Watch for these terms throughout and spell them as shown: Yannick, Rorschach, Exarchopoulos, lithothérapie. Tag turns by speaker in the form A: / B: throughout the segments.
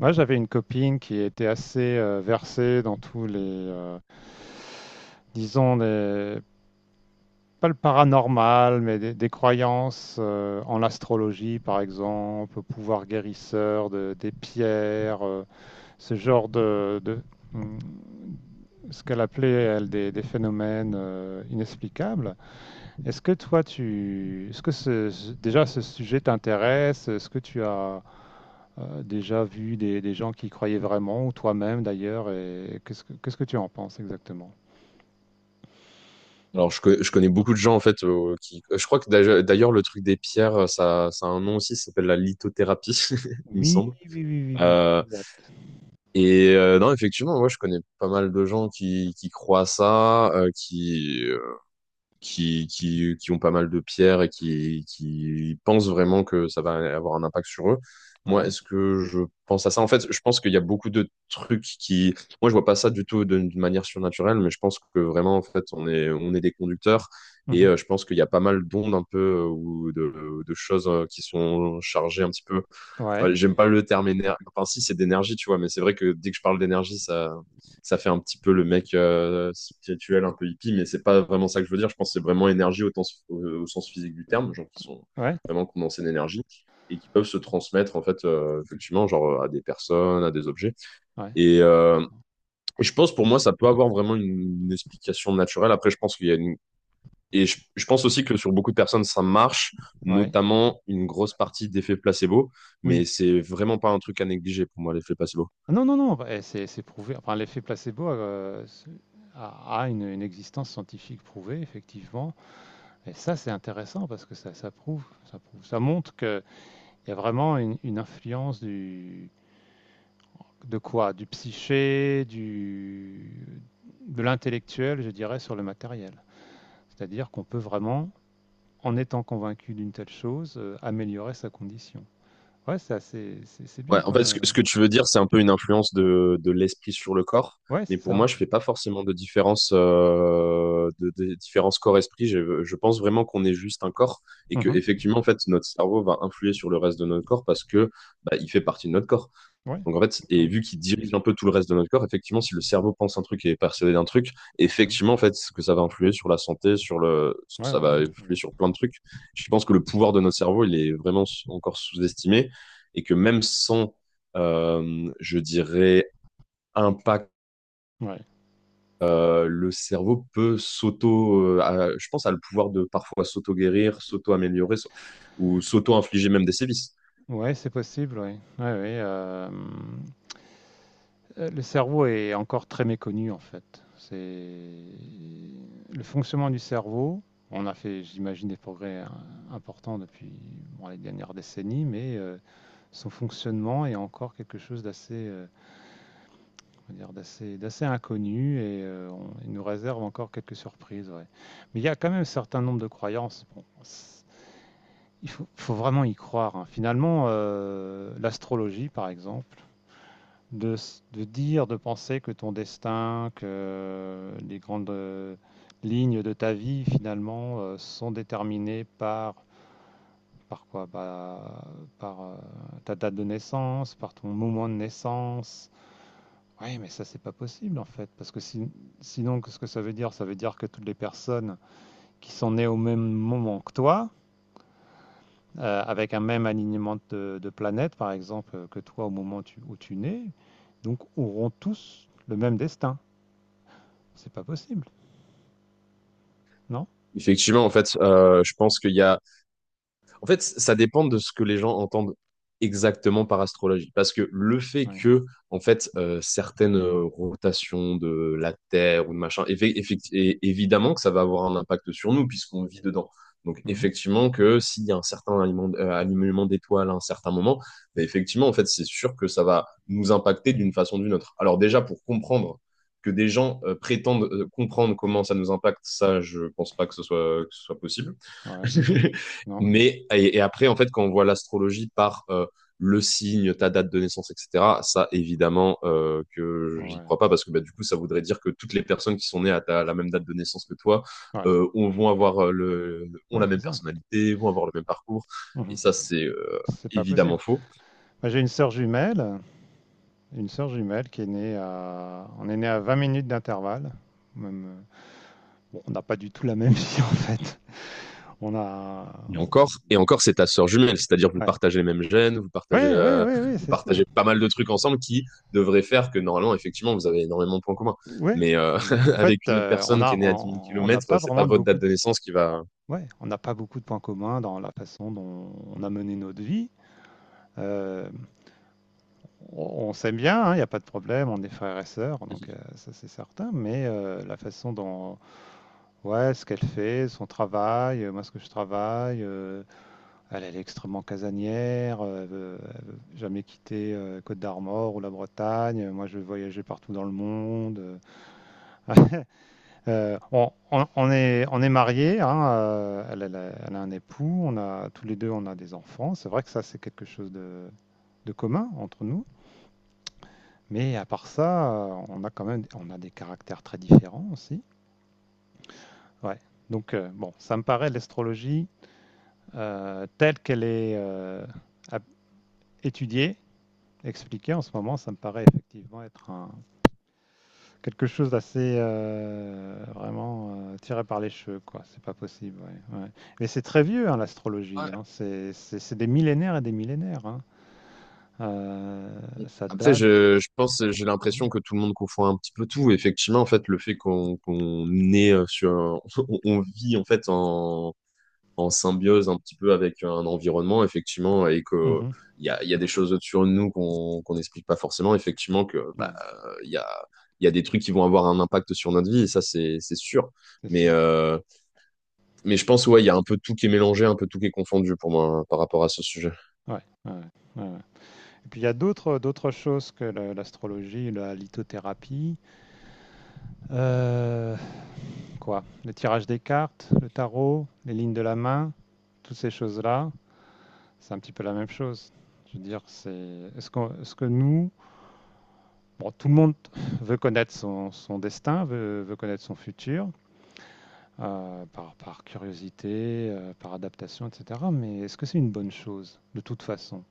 A: Moi, j'avais une copine qui était assez versée dans tous les, disons, pas le paranormal, mais des croyances en l'astrologie, par exemple, au pouvoir guérisseur des pierres, ce genre de, hum, ce qu'elle appelait, elle, des phénomènes inexplicables. Est-ce que toi, est-ce que déjà ce sujet t'intéresse? Est-ce que tu as déjà vu des gens qui y croyaient vraiment, ou toi-même d'ailleurs, et qu'est-ce que tu en penses exactement?
B: Alors, je connais beaucoup de gens, en fait, qui... Je crois que d'ailleurs, le truc des pierres, ça a un nom aussi, ça s'appelle la lithothérapie, il me
A: Oui,
B: semble.
A: oui, oui, oui, oui,
B: Euh,
A: exact.
B: et non, effectivement, moi, je connais pas mal de gens qui croient à ça, qui ont pas mal de pierres et qui pensent vraiment que ça va avoir un impact sur eux. Moi,
A: Ouais.
B: est-ce que je pense à ça? En fait, je pense qu'il y a beaucoup de trucs qui. Moi, je vois pas ça du tout d'une manière surnaturelle, mais je pense que vraiment, en fait, on est des conducteurs et
A: Mhm.
B: je pense qu'il y a pas mal d'ondes un peu ou de choses qui sont chargées un petit peu.
A: Ouais,
B: Ouais, j'aime pas le terme énergie. Enfin, si, c'est d'énergie, tu vois, mais c'est vrai que dès que je parle d'énergie, ça fait un petit peu le mec spirituel, un peu hippie, mais c'est pas vraiment ça que je veux dire. Je pense que c'est vraiment énergie au sens physique du terme, genre qui sont
A: ouais,
B: vraiment condensés d'énergie et qui peuvent se transmettre en fait effectivement genre à des personnes, à des objets.
A: ouais,
B: Et je pense pour moi ça peut avoir vraiment une explication naturelle. Après je pense qu'il y a une et je pense aussi que sur beaucoup de personnes, ça marche,
A: ouais,
B: notamment une grosse partie d'effet placebo,
A: oui.
B: mais c'est vraiment pas un truc à négliger pour moi, l'effet placebo.
A: Ah non, non, non, bah, eh, c'est prouvé. Enfin, l'effet placebo, a une existence scientifique prouvée, effectivement. Et ça, c'est intéressant parce que ça montre qu'il y a vraiment une influence de quoi? Du psyché, de l'intellectuel, je dirais, sur le matériel. C'est-à-dire qu'on peut vraiment, en étant convaincu d'une telle chose, améliorer sa condition. Ouais, c'est assez, c'est
B: Ouais,
A: bien
B: en
A: comme.
B: fait, ce que, ce que tu veux dire, c'est un peu une influence de l'esprit sur le corps,
A: Ouais,
B: mais
A: c'est
B: pour
A: ça.
B: moi, je fais pas forcément de différence, de différence corps-esprit. Je pense vraiment qu'on est juste un corps et que
A: Mhm.
B: effectivement, en fait, notre cerveau va influer sur le reste de notre corps parce que bah, il fait partie de notre corps.
A: Ouais,
B: Donc en fait, et
A: d'accord.
B: vu qu'il dirige un peu tout le reste de notre corps, effectivement, si le cerveau pense un truc et est persuadé d'un truc,
A: Mhm.
B: effectivement, en fait, ce que ça va influer sur la santé, sur le,
A: Ouais,
B: ça
A: ouais,
B: va
A: ouais.
B: influer sur plein de trucs. Je pense que le pouvoir de notre cerveau, il est vraiment encore sous-estimé et que même sans, je dirais, impact,
A: Ouais,
B: le cerveau peut s'auto, je pense, à le pouvoir de parfois s'auto-guérir, ou s'auto-infliger même des sévices.
A: ouais, c'est possible, ouais. Ouais, ouais, Le cerveau est encore très méconnu en fait. C'est le fonctionnement du cerveau. On a fait, j'imagine, des progrès importants depuis bon, les dernières décennies, mais son fonctionnement est encore quelque chose d'assez, comment dire, d'assez inconnu et il nous réserve encore quelques surprises. Ouais. Mais il y a quand même un certain nombre de croyances. Bon, il faut vraiment y croire. Hein. Finalement, l'astrologie, par exemple, de, de dire, de penser que ton destin, que les grandes lignes de ta vie, finalement, sont déterminées par par quoi? Bah, par ta date de naissance, par ton moment de naissance. Oui, mais ça, c'est pas possible, en fait, parce que sinon, qu'est-ce que ça veut dire? Ça veut dire que toutes les personnes qui sont nées au même moment que toi, avec un même alignement de planètes, par exemple, que toi au moment où tu nais, donc auront tous le même destin. C'est pas possible, non?
B: Effectivement, en fait, je pense qu'il y a. En fait, ça dépend de ce que les gens entendent exactement par astrologie. Parce que le fait
A: Ouais.
B: que, en fait, certaines rotations de la Terre ou de machin, et évidemment que ça va avoir un impact sur nous puisqu'on vit dedans. Donc,
A: Mhm.
B: effectivement, que s'il y a un certain alignement d'étoiles à un certain moment, ben, effectivement, en fait, c'est sûr que ça va nous impacter d'une façon ou d'une autre. Alors, déjà, pour comprendre que des gens prétendent comprendre comment ça nous impacte, ça, je pense pas que ce soit possible.
A: Ouais. Non.
B: Mais et après, en fait, quand on voit l'astrologie par le signe, ta date de naissance, etc., ça, évidemment, que j'y
A: Ouais.
B: crois pas parce que bah, du coup, ça voudrait dire que toutes les personnes qui sont nées à la même date de naissance que toi
A: Ouais.
B: vont avoir ont
A: Ouais,
B: la
A: c'est
B: même
A: ça.
B: personnalité, vont avoir le même parcours. Et
A: Mhm.
B: ça, c'est
A: C'est pas possible.
B: évidemment faux.
A: Moi, j'ai une sœur jumelle qui est on est né à 20 minutes d'intervalle. Même, bon, on n'a pas du tout la même vie en fait. On a,
B: Et encore, c'est ta sœur jumelle, c'est-à-dire que vous
A: ouais.
B: partagez les mêmes gènes, vous partagez,
A: Ouais, ouais,
B: euh,
A: ouais, ouais,
B: vous
A: c'est ça.
B: partagez pas mal de trucs ensemble qui devraient faire que normalement, effectivement, vous avez énormément de points communs.
A: Ouais.
B: Mais
A: Mais en fait,
B: avec une autre
A: on
B: personne qui
A: a,
B: est née à dix mille
A: on on n'a
B: kilomètres,
A: pas
B: c'est pas
A: vraiment de
B: votre
A: beaucoup
B: date
A: de,
B: de naissance qui va.
A: ouais, on n'a pas beaucoup de points communs dans la façon dont on a mené notre vie. Euh, on s'aime bien, hein, il n'y a pas de problème, on est frères et sœurs, donc ça c'est certain, mais la façon dont, ouais, ce qu'elle fait, son travail, moi ce que je travaille, elle est extrêmement casanière, elle veut jamais quitter Côte d'Armor ou la Bretagne, moi je vais voyager partout dans le monde. On est mariés, hein, elle a un époux, tous les deux on a des enfants, c'est vrai que ça c'est quelque chose de commun entre nous. Mais à part ça, on a quand même on a des caractères très différents aussi. Ouais. Donc, bon, ça me paraît l'astrologie, telle qu'elle est ap- étudiée, expliquée en ce moment, ça me paraît effectivement être quelque chose d'assez vraiment tiré par les cheveux, quoi. C'est pas possible. Ouais, ouais. Mais c'est très vieux, hein, l'astrologie. Hein. C'est des millénaires et des millénaires. Hein. Euh,
B: Ouais.
A: Ça
B: Après,
A: date.
B: je pense, j'ai l'impression que tout le monde confond un petit peu tout. Effectivement, en fait, le fait qu'on est sur, on vit en fait en symbiose un petit peu avec un environnement, effectivement, et que
A: Mhm.
B: il y a des choses sur nous qu'on n'explique pas forcément, effectivement, que bah,
A: Ouais,
B: euh, il y a, il y a des trucs qui vont avoir un impact sur notre vie, et ça, c'est sûr.
A: c'est
B: Mais,
A: sûr.
B: euh, mais je pense, ouais, il y a un peu tout qui est mélangé, un peu tout qui est confondu pour moi hein, par rapport à ce sujet.
A: Ouais, ouais, ouais, ouais. Et puis il y a d'autres choses que l'astrologie, la lithothérapie, euh, quoi, le tirage des cartes, le tarot, les lignes de la main, toutes ces choses-là, c'est un petit peu la même chose. Je veux dire, est-ce que nous, bon, tout le monde veut connaître son destin, veut connaître son futur, par, curiosité, par adaptation, etc. Mais est-ce que c'est une bonne chose, de toute façon?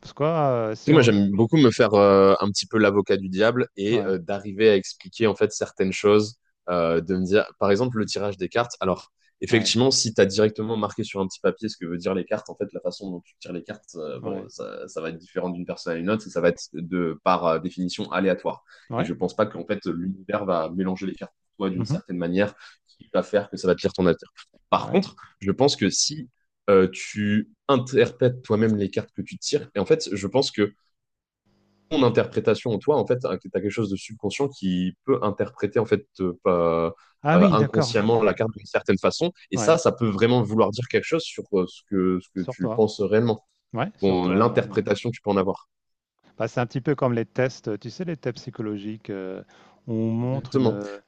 A: Parce que
B: Tu sais,
A: si
B: moi,
A: on,
B: j'aime beaucoup me faire un petit peu l'avocat du diable et
A: ouais,
B: d'arriver à expliquer en fait certaines choses, de me dire, par exemple, le tirage des cartes. Alors,
A: ouais,
B: effectivement, si tu as directement marqué sur un petit papier ce que veut dire les cartes, en fait, la façon dont tu tires les cartes,
A: ouais,
B: bon, ça va être différent d'une personne à une autre et ça va être de par définition aléatoire. Et je
A: ouais,
B: pense pas qu'en fait l'univers va mélanger les cartes pour toi d'une
A: mhm,
B: certaine manière qui va faire que ça va te lire ton avenir. Par
A: ouais.
B: contre, je pense que si tu interprètes toi-même les cartes que tu tires. Et en fait, je pense que ton interprétation en toi, en fait, tu as quelque chose de subconscient qui peut interpréter en fait
A: Ah oui, d'accord.
B: inconsciemment la carte d'une certaine façon. Et ça,
A: Ouais,
B: ça peut vraiment vouloir dire quelque chose sur ce que
A: sur
B: tu
A: toi.
B: penses réellement,
A: Ouais, sur
B: Ton-
A: toi. Ouais, ouais.
B: l'interprétation que tu peux en avoir.
A: Bah, c'est un petit peu comme les tests, tu sais, les tests psychologiques, où on montre une,
B: Exactement.
A: euh,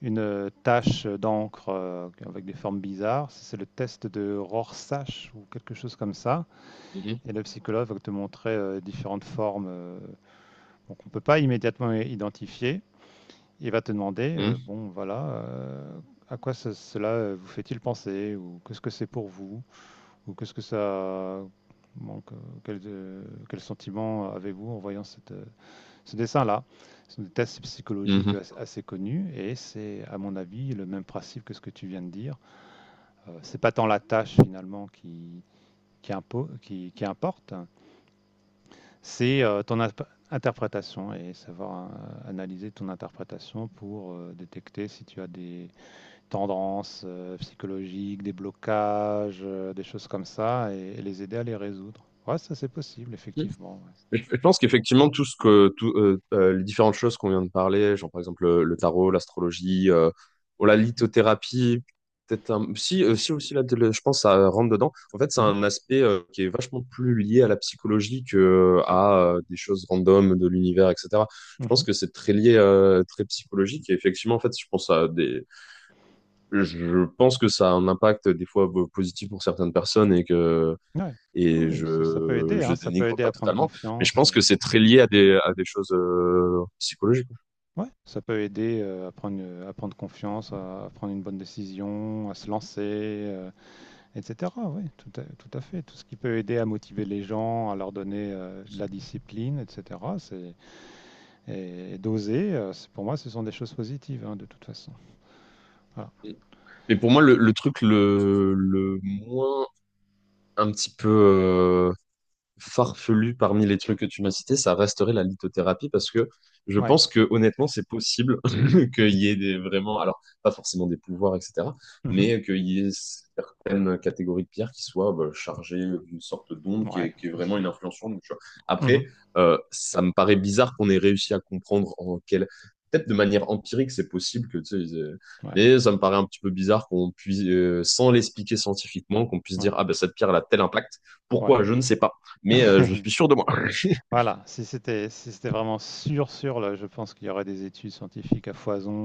A: une euh, tache d'encre avec des formes bizarres. C'est le test de Rorschach ou quelque chose comme ça.
B: Mhm.
A: Et le psychologue va te montrer différentes formes, donc on ne peut pas immédiatement identifier. Il va te demander, bon, voilà, à quoi cela, vous fait-il penser ou qu'est-ce que c'est pour vous? Ou qu'est-ce que ça manque? Quel sentiment avez-vous en voyant ce dessin-là? C'est un test psychologique
B: Mhm.
A: assez connu et c'est, à mon avis, le même principe que ce que tu viens de dire. C'est pas tant la tâche finalement qui importe, c'est ton interprétation et savoir analyser ton interprétation pour détecter si tu as des tendances psychologiques, des blocages, des choses comme ça, et les aider à les résoudre. Ouais, ça c'est possible,
B: Mhm.
A: effectivement.
B: Je pense qu'effectivement, tout ce que, tout, les différentes choses qu'on vient de parler, genre par exemple le tarot, l'astrologie, ou la lithothérapie, peut-être un... si aussi là, je pense que ça rentre dedans. En fait, c'est
A: Ouais. Mhm,
B: un aspect qui est vachement plus lié à la psychologie que à des choses random de l'univers, etc. Je pense
A: mhm.
B: que c'est très lié, très psychologique. Et effectivement, en fait, je pense que ça a un impact des fois positif pour certaines personnes et que
A: Ouais. Ah
B: et
A: oui, ça, peut
B: je,
A: aider,
B: je
A: hein, ça peut
B: dénigre
A: aider
B: pas
A: à prendre
B: totalement, mais je
A: confiance.
B: pense que c'est très lié à des, choses psychologiques.
A: Ouais, ça peut aider à prendre confiance, à prendre une bonne décision, à se lancer, etc. Oui, tout à fait. Tout ce qui peut aider à motiver les gens, à leur donner de la discipline, etc. Et d'oser. Pour moi, ce sont des choses positives, hein, de toute façon. Voilà.
B: Mais pour moi, le truc le moins un petit peu farfelu parmi les trucs que tu m'as cités, ça resterait la lithothérapie parce que je
A: Ouais.
B: pense que honnêtement, c'est possible qu'il y ait des, vraiment, alors pas forcément des pouvoirs, etc.,
A: Mmh.
B: mais qu'il y ait certaines catégories de pierres qui soient bah, chargées d'une sorte d'onde qui
A: Ouais,
B: est, qui est
A: je
B: vraiment
A: sais
B: une
A: pas.
B: influence sur nous. Tu vois. Après,
A: Mmh.
B: ça me paraît bizarre qu'on ait réussi à comprendre en quelle. Peut-être de manière empirique, c'est possible que, tu sais,
A: Ouais,
B: mais ça me paraît un petit peu bizarre qu'on puisse, sans l'expliquer scientifiquement, qu'on puisse
A: ouais,
B: dire, ah ben cette pierre elle a tel impact.
A: ouais.
B: Pourquoi? Je ne sais pas mais je suis sûr de moi.
A: Voilà, si c'était vraiment sûr, sûr, là, je pense qu'il y aurait des études scientifiques à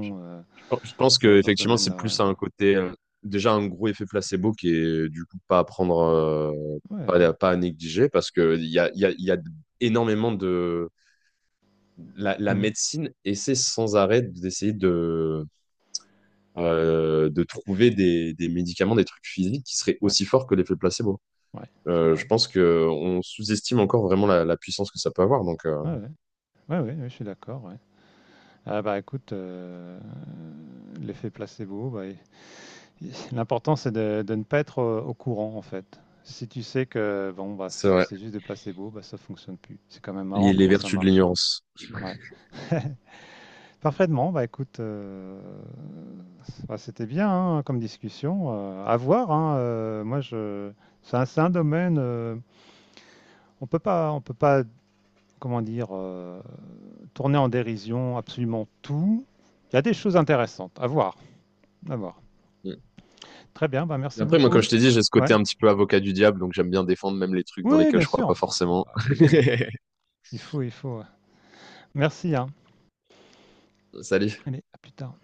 B: Je je pense que
A: dans ce
B: effectivement, c'est
A: domaine-là, ouais.
B: plus un côté déjà un gros effet placebo qui est du coup pas à prendre,
A: Ouais, ouais.
B: pas à négliger parce que il y a, il y a, il y a énormément de la
A: Mmh.
B: médecine essaie sans arrêt d'essayer de trouver des médicaments, des trucs physiques qui seraient
A: Ouais,
B: aussi forts que l'effet placebo.
A: ouais, c'est vrai.
B: Je pense que on sous-estime encore vraiment la puissance que ça peut avoir. Donc
A: Ouais, ouais. Ouais, ouais, ouais, je suis d'accord, ouais. Ah bah, écoute, l'effet placebo, bah, i i l'important c'est de ne pas être, au courant, en fait. Si tu sais que bon, bah,
B: c'est
A: c'est
B: vrai,
A: c'est juste des placebos, bah, ça fonctionne plus. C'est quand même
B: les,
A: marrant
B: les
A: comment ça
B: vertus de
A: marche, hein.
B: l'ignorance.
A: Ouais. Parfaitement, bah écoute, bah, c'était bien, hein, comme discussion, à voir, hein. Heu, moi je c'est un c'est un domaine, on peut pas, comment dire, tourner en dérision absolument tout. Il y a des choses intéressantes à voir, à voir. Très bien, bah,
B: Mais
A: merci
B: après, moi, comme
A: beaucoup.
B: je t'ai dit, j'ai ce
A: Ouais.
B: côté un petit peu avocat du diable, donc j'aime bien défendre même les trucs dans
A: Oui,
B: lesquels
A: bien
B: je crois
A: sûr.
B: pas forcément.
A: Bah, il faut, hein. Il faut, ouais. Merci, hein.
B: Salut.
A: Allez, à plus tard.